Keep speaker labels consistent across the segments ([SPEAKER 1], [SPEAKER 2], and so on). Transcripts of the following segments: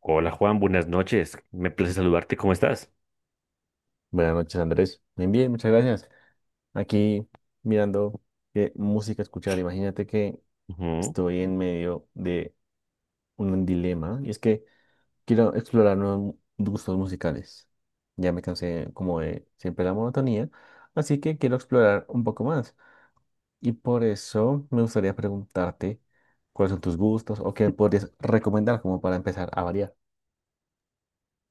[SPEAKER 1] Hola Juan, buenas noches. Me place saludarte. ¿Cómo estás?
[SPEAKER 2] Buenas noches, Andrés. Bien, bien, muchas gracias. Aquí mirando qué música escuchar. Imagínate que
[SPEAKER 1] Ujú.
[SPEAKER 2] estoy en medio de un dilema y es que quiero explorar nuevos gustos musicales. Ya me cansé como de siempre la monotonía, así que quiero explorar un poco más. Y por eso me gustaría preguntarte cuáles son tus gustos o qué me podrías recomendar como para empezar a variar.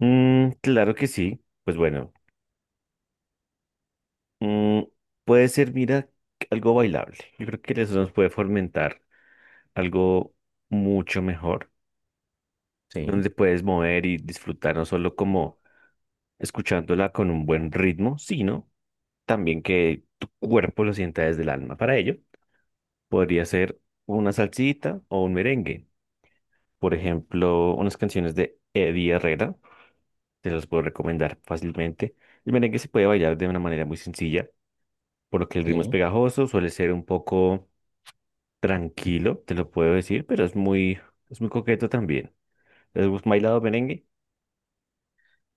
[SPEAKER 1] Claro que sí. Pues bueno, mm, puede ser, mira, algo bailable. Yo creo que eso nos puede fomentar algo mucho mejor,
[SPEAKER 2] Sí,
[SPEAKER 1] donde puedes mover y disfrutar no solo como escuchándola con un buen ritmo, sino también que tu cuerpo lo sienta desde el alma. Para ello, podría ser una salsita o un merengue. Por ejemplo, unas canciones de Eddie Herrera. Te los puedo recomendar fácilmente. El merengue se puede bailar de una manera muy sencilla, por lo que el ritmo es
[SPEAKER 2] sí.
[SPEAKER 1] pegajoso, suele ser un poco tranquilo, te lo puedo decir, pero es muy coqueto también. ¿Has bailado merengue?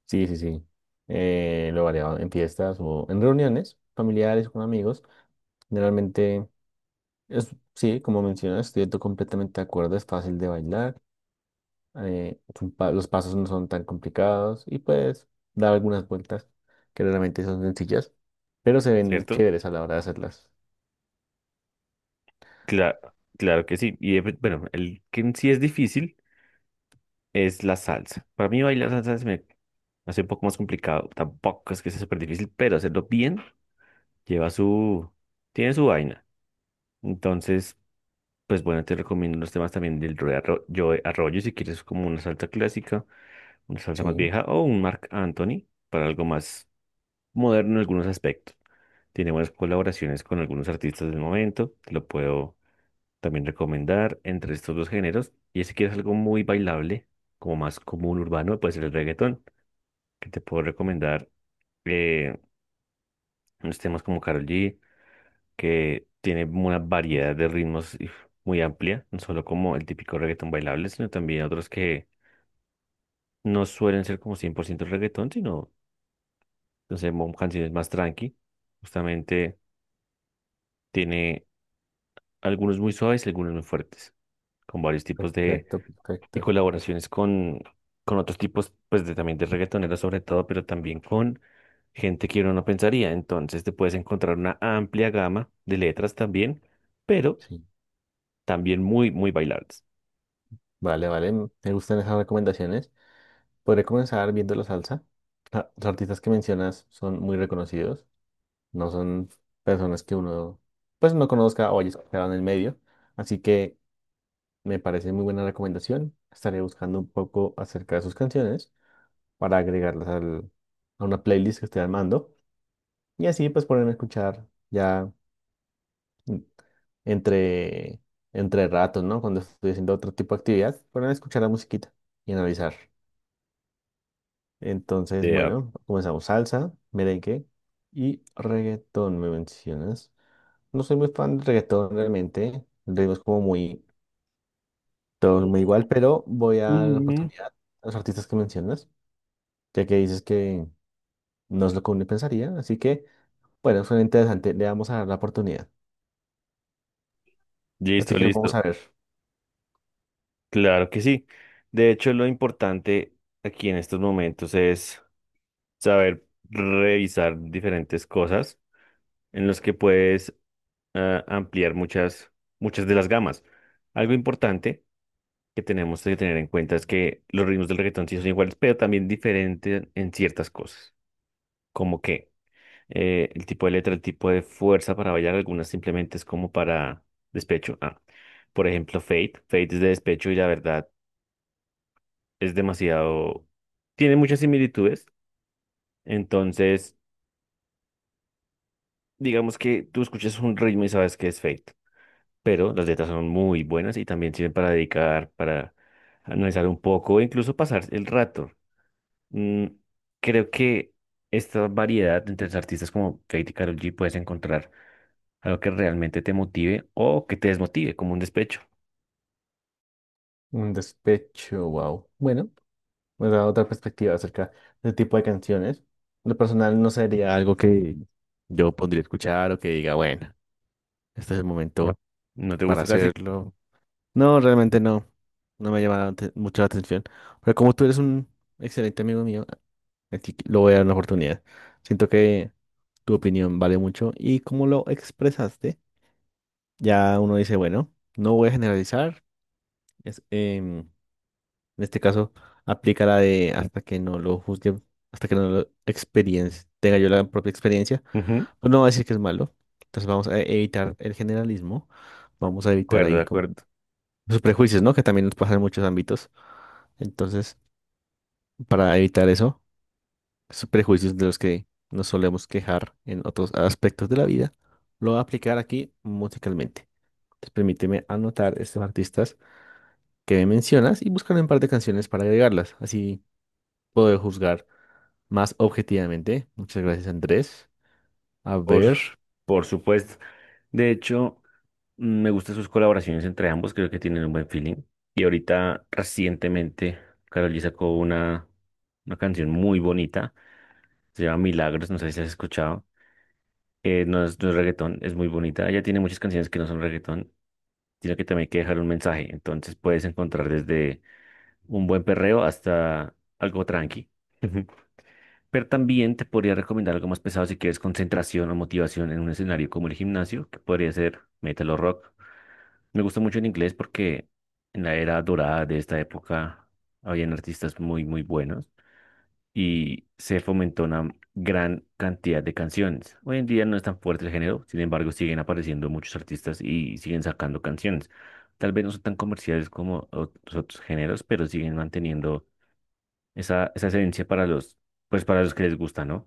[SPEAKER 2] Sí, sí, sí. Lo he variado en fiestas o en reuniones familiares con amigos. Generalmente, es, sí, como mencionas, completamente de acuerdo, es fácil de bailar, los pasos no son tan complicados y puedes dar algunas vueltas que realmente son sencillas, pero se
[SPEAKER 1] ¿Es
[SPEAKER 2] ven
[SPEAKER 1] cierto?
[SPEAKER 2] chéveres a la hora de hacerlas.
[SPEAKER 1] Claro, claro que sí. Y bueno, el que en sí es difícil es la salsa. Para mí bailar salsa se me hace un poco más complicado. Tampoco es que sea súper difícil, pero hacerlo bien lleva su, tiene su vaina. Entonces, pues bueno, te recomiendo los temas también del Joe Arroyo, si quieres como una salsa clásica, una salsa más
[SPEAKER 2] Sí,
[SPEAKER 1] vieja, o un Marc Anthony para algo más moderno en algunos aspectos. Tiene buenas colaboraciones con algunos artistas del momento, te lo puedo también recomendar entre estos dos géneros. Y si quieres algo muy bailable, como más común urbano, puede ser el reggaetón, que te puedo recomendar eh, unos temas como Karol G, que tiene una variedad de ritmos muy amplia, no solo como el típico reggaetón bailable, sino también otros que no suelen ser como 100% reggaetón, sino, no sé, canciones más tranqui. Justamente tiene algunos muy suaves y algunos muy fuertes, con varios tipos de,
[SPEAKER 2] perfecto,
[SPEAKER 1] y
[SPEAKER 2] perfecto.
[SPEAKER 1] colaboraciones con otros tipos, pues de, también de reggaetoneros sobre todo, pero también con gente que uno no pensaría. Entonces te puedes encontrar una amplia gama de letras también, pero
[SPEAKER 2] Sí,
[SPEAKER 1] también muy, muy bailables.
[SPEAKER 2] vale, vale, me gustan esas recomendaciones. Podré comenzar viendo la salsa. Ah, los artistas que mencionas son muy reconocidos. No son personas que uno, pues no conozca o haya escuchado en el medio. Así que me parece muy buena recomendación. Estaré buscando un poco acerca de sus canciones para a una playlist que esté armando. Y así pues ponerme a escuchar ya, mm, entre, entre ratos, ¿no? Cuando estoy haciendo otro tipo de actividad, ponerme a escuchar la musiquita y analizar. Entonces,
[SPEAKER 1] Vea.
[SPEAKER 2] bueno, comenzamos salsa, merengue y reggaetón, me mencionas. No soy muy fan del reggaetón realmente. El ritmo es como muy, todo es muy igual, pero voy a dar una
[SPEAKER 1] Mm.
[SPEAKER 2] oportunidad a los artistas que mencionas, ya que dices que no es lo que uno pensaría. Así que, bueno, suena interesante. Le vamos a dar la oportunidad. Así
[SPEAKER 1] Listo,
[SPEAKER 2] que vamos
[SPEAKER 1] listo.
[SPEAKER 2] a ver.
[SPEAKER 1] Claro que sí. De hecho, lo importante aquí en estos momentos es saber revisar diferentes cosas en los que puedes ampliar muchas, muchas de las gamas. Algo importante que tenemos que tener en cuenta es que los ritmos del reggaetón sí son iguales, pero también diferentes en ciertas cosas. ¿Como qué? El tipo de letra, el tipo de fuerza para bailar, algunas simplemente es como para despecho. Ah, por ejemplo, Fate. Fate es de despecho y la verdad es demasiado, tiene muchas similitudes. Entonces, digamos que tú escuchas un ritmo y sabes que es fake, pero las letras son muy buenas y también sirven para dedicar, para analizar un poco, e incluso pasar el rato. Mm, creo que esta variedad entre los artistas como Fate y Karol G puedes encontrar algo que realmente te motive o que te desmotive, como un despecho.
[SPEAKER 2] Un despecho, wow. Bueno, me da otra perspectiva acerca de este tipo de canciones. Lo personal no sería algo que yo pondría a escuchar o que diga, bueno, este es el momento
[SPEAKER 1] ¿No te
[SPEAKER 2] para
[SPEAKER 1] gusta casi?
[SPEAKER 2] hacerlo. No, realmente no. No me llama mucho la atención. Pero como tú eres un excelente amigo mío, así lo voy a dar una oportunidad. Siento que tu opinión vale mucho y como lo expresaste, ya uno dice, bueno, no voy a generalizar. Es, en este caso, aplica la de hasta que no lo juzgue, hasta que no lo experiencie, tenga yo la propia experiencia,
[SPEAKER 1] Ujú. De
[SPEAKER 2] pues no va a decir que es malo. Entonces vamos a evitar el generalismo, vamos a evitar
[SPEAKER 1] acuerdo,
[SPEAKER 2] ahí
[SPEAKER 1] de acuerdo.
[SPEAKER 2] sus prejuicios, ¿no? Que también nos pasa en muchos ámbitos. Entonces, para evitar eso, esos prejuicios de los que nos solemos quejar en otros aspectos de la vida, lo voy a aplicar aquí musicalmente. Entonces, permíteme anotar estos artistas que me mencionas y buscar un par de canciones para agregarlas. Así puedo juzgar más objetivamente. Muchas gracias, Andrés. A ver,
[SPEAKER 1] Por, por supuesto. De hecho, me gustan sus colaboraciones entre ambos, creo que tienen un buen feeling. Y ahorita, recientemente, Karol G sacó una canción muy bonita, se llama Milagros, no sé si has escuchado. No es reggaetón, es muy bonita. Ella tiene muchas canciones que no son reggaetón, sino que también hay que dejar un mensaje. Entonces puedes encontrar desde un buen perreo hasta algo tranqui. Pero también te podría recomendar algo más pesado si quieres concentración o motivación en un escenario como el gimnasio, que podría ser metal o rock. Me gusta mucho en inglés porque en la era dorada de esta época habían artistas muy, muy buenos y se fomentó una gran cantidad de canciones. Hoy en día no es tan fuerte el género, sin embargo siguen apareciendo muchos artistas y siguen sacando canciones. Tal vez no son tan comerciales como los otros géneros, pero siguen manteniendo esa esencia para pues para los que les gusta, ¿no?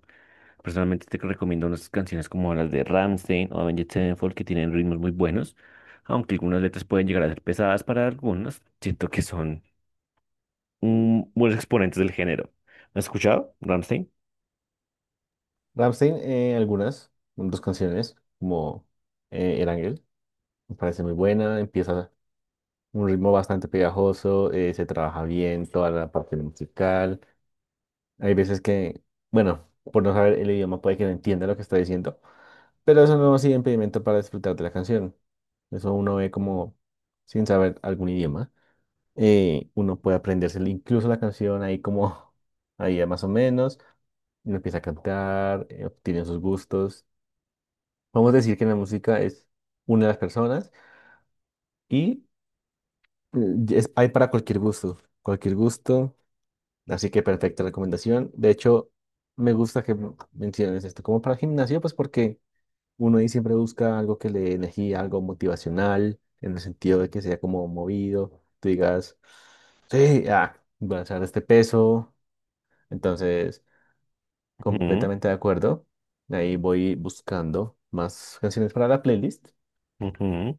[SPEAKER 1] Personalmente te recomiendo unas canciones como las de Rammstein o Avenged Sevenfold, que tienen ritmos muy buenos, aunque algunas letras pueden llegar a ser pesadas para algunos, siento que son buenos exponentes del género. ¿Has escuchado Rammstein?
[SPEAKER 2] Rammstein, algunas, dos canciones, como El Ángel, me parece muy buena. Empieza un ritmo bastante pegajoso, se trabaja bien toda la parte musical. Hay veces que, bueno, por no saber el idioma puede que no entienda lo que está diciendo, pero eso no ha sido impedimento para disfrutar de la canción. Eso uno ve como sin saber algún idioma. Uno puede aprenderse incluso la canción ahí como, ahí ya más o menos, y uno empieza a cantar, obtiene sus gustos. Vamos a decir que la música es una de las personas y, eh, es, hay para cualquier gusto, cualquier gusto. Así que perfecta recomendación. De hecho, me gusta que menciones esto como para el gimnasio, pues porque uno ahí siempre busca algo que le dé energía, algo motivacional, en el sentido de que sea como movido. Tú digas, sí, ah, voy a hacer este peso. Entonces,
[SPEAKER 1] Ujú,
[SPEAKER 2] completamente de acuerdo. Ahí voy buscando más canciones para la playlist.
[SPEAKER 1] ujú.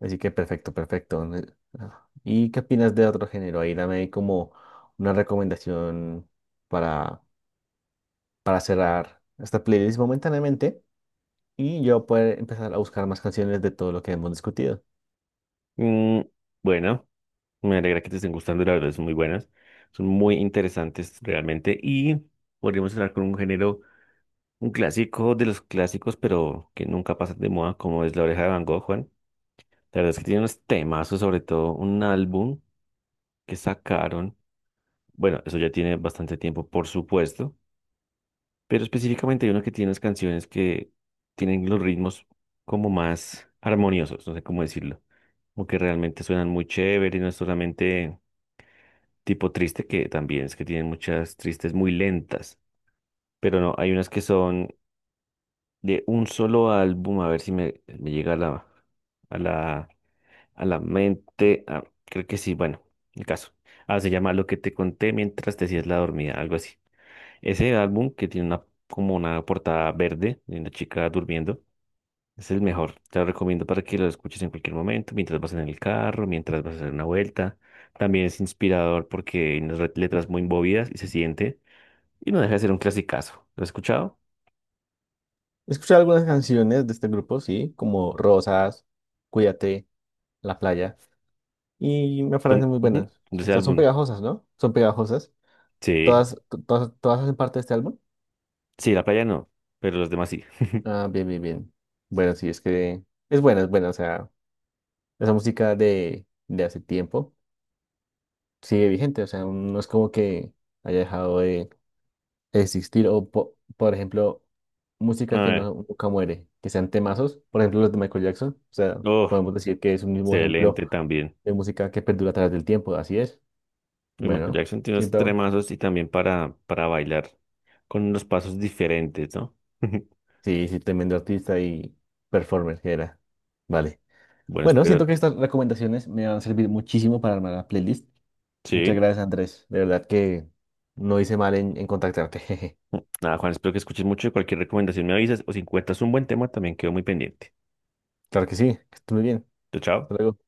[SPEAKER 2] Así que perfecto, perfecto. ¿Y qué opinas de otro género? Ahí dame como una recomendación para cerrar esta playlist momentáneamente y yo poder empezar a buscar más canciones de todo lo que hemos discutido.
[SPEAKER 1] Mm, bueno, me alegra que te estén gustando, la verdad, son muy buenas, son muy interesantes realmente, y podríamos hablar con un género. Un clásico de los clásicos, pero que nunca pasa de moda, como es La Oreja de Van Gogh, Juan. La verdad es que tiene unos temazos, sobre todo un álbum que sacaron. Bueno, eso ya tiene bastante tiempo, por supuesto, pero específicamente hay uno que tiene unas canciones que tienen los ritmos como más armoniosos, no sé cómo decirlo. Como que realmente suenan muy chévere y no es solamente tipo triste, que también es que tienen muchas tristes muy lentas, pero no, hay unas que son de un solo álbum, a ver si me llega a a la, a la mente. Ah, creo que sí, bueno, el caso. Ah, se llama Lo que te conté mientras te hacías la dormida, algo así. Ese álbum que tiene una, como una portada verde de una chica durmiendo, es el mejor. Te lo recomiendo para que lo escuches en cualquier momento, mientras vas en el carro, mientras vas a hacer una vuelta. También es inspirador porque hay unas letras muy movidas y se siente, y no deja de ser un clasicazo. ¿Lo has escuchado?
[SPEAKER 2] He escuchado algunas canciones de este grupo, sí, como Rosas, Cuídate, La Playa, y me
[SPEAKER 1] Son,
[SPEAKER 2] parecen muy
[SPEAKER 1] ujú,
[SPEAKER 2] buenas.
[SPEAKER 1] de
[SPEAKER 2] O
[SPEAKER 1] ese
[SPEAKER 2] sea, son
[SPEAKER 1] álbum.
[SPEAKER 2] pegajosas, ¿no? Son pegajosas.
[SPEAKER 1] Sí.
[SPEAKER 2] Todas, todas, todas hacen parte de este álbum.
[SPEAKER 1] Sí, la playa no, pero los demás sí.
[SPEAKER 2] Ah, bien, bien, bien. Bueno, sí, es que es buena, es buena. O sea, esa música de hace tiempo sigue vigente. O sea, no es como que haya dejado existir o, por ejemplo,
[SPEAKER 1] A
[SPEAKER 2] música que
[SPEAKER 1] ver,
[SPEAKER 2] no, nunca muere, que sean temazos, por ejemplo, los de Michael Jackson. O sea,
[SPEAKER 1] oh,
[SPEAKER 2] podemos decir que es un mismo ejemplo
[SPEAKER 1] excelente también.
[SPEAKER 2] de música que perdura a través del tiempo, así es.
[SPEAKER 1] Y Michael
[SPEAKER 2] Bueno,
[SPEAKER 1] Jackson tiene unos
[SPEAKER 2] siento,
[SPEAKER 1] tremazos y también para bailar con unos pasos diferentes, ¿no?
[SPEAKER 2] sí, sí, tremendo artista y performer que era. Vale.
[SPEAKER 1] Bueno,
[SPEAKER 2] Bueno,
[SPEAKER 1] espero,
[SPEAKER 2] siento que estas recomendaciones me van a servir muchísimo para armar la playlist. Muchas
[SPEAKER 1] sí.
[SPEAKER 2] gracias, Andrés. De verdad que no hice mal en contactarte.
[SPEAKER 1] Nada, Juan, espero que escuches mucho y cualquier recomendación me avisas, o si encuentras un buen tema también quedo muy pendiente.
[SPEAKER 2] Claro que sí, que estés muy bien.
[SPEAKER 1] Chao, chao.
[SPEAKER 2] Hasta luego.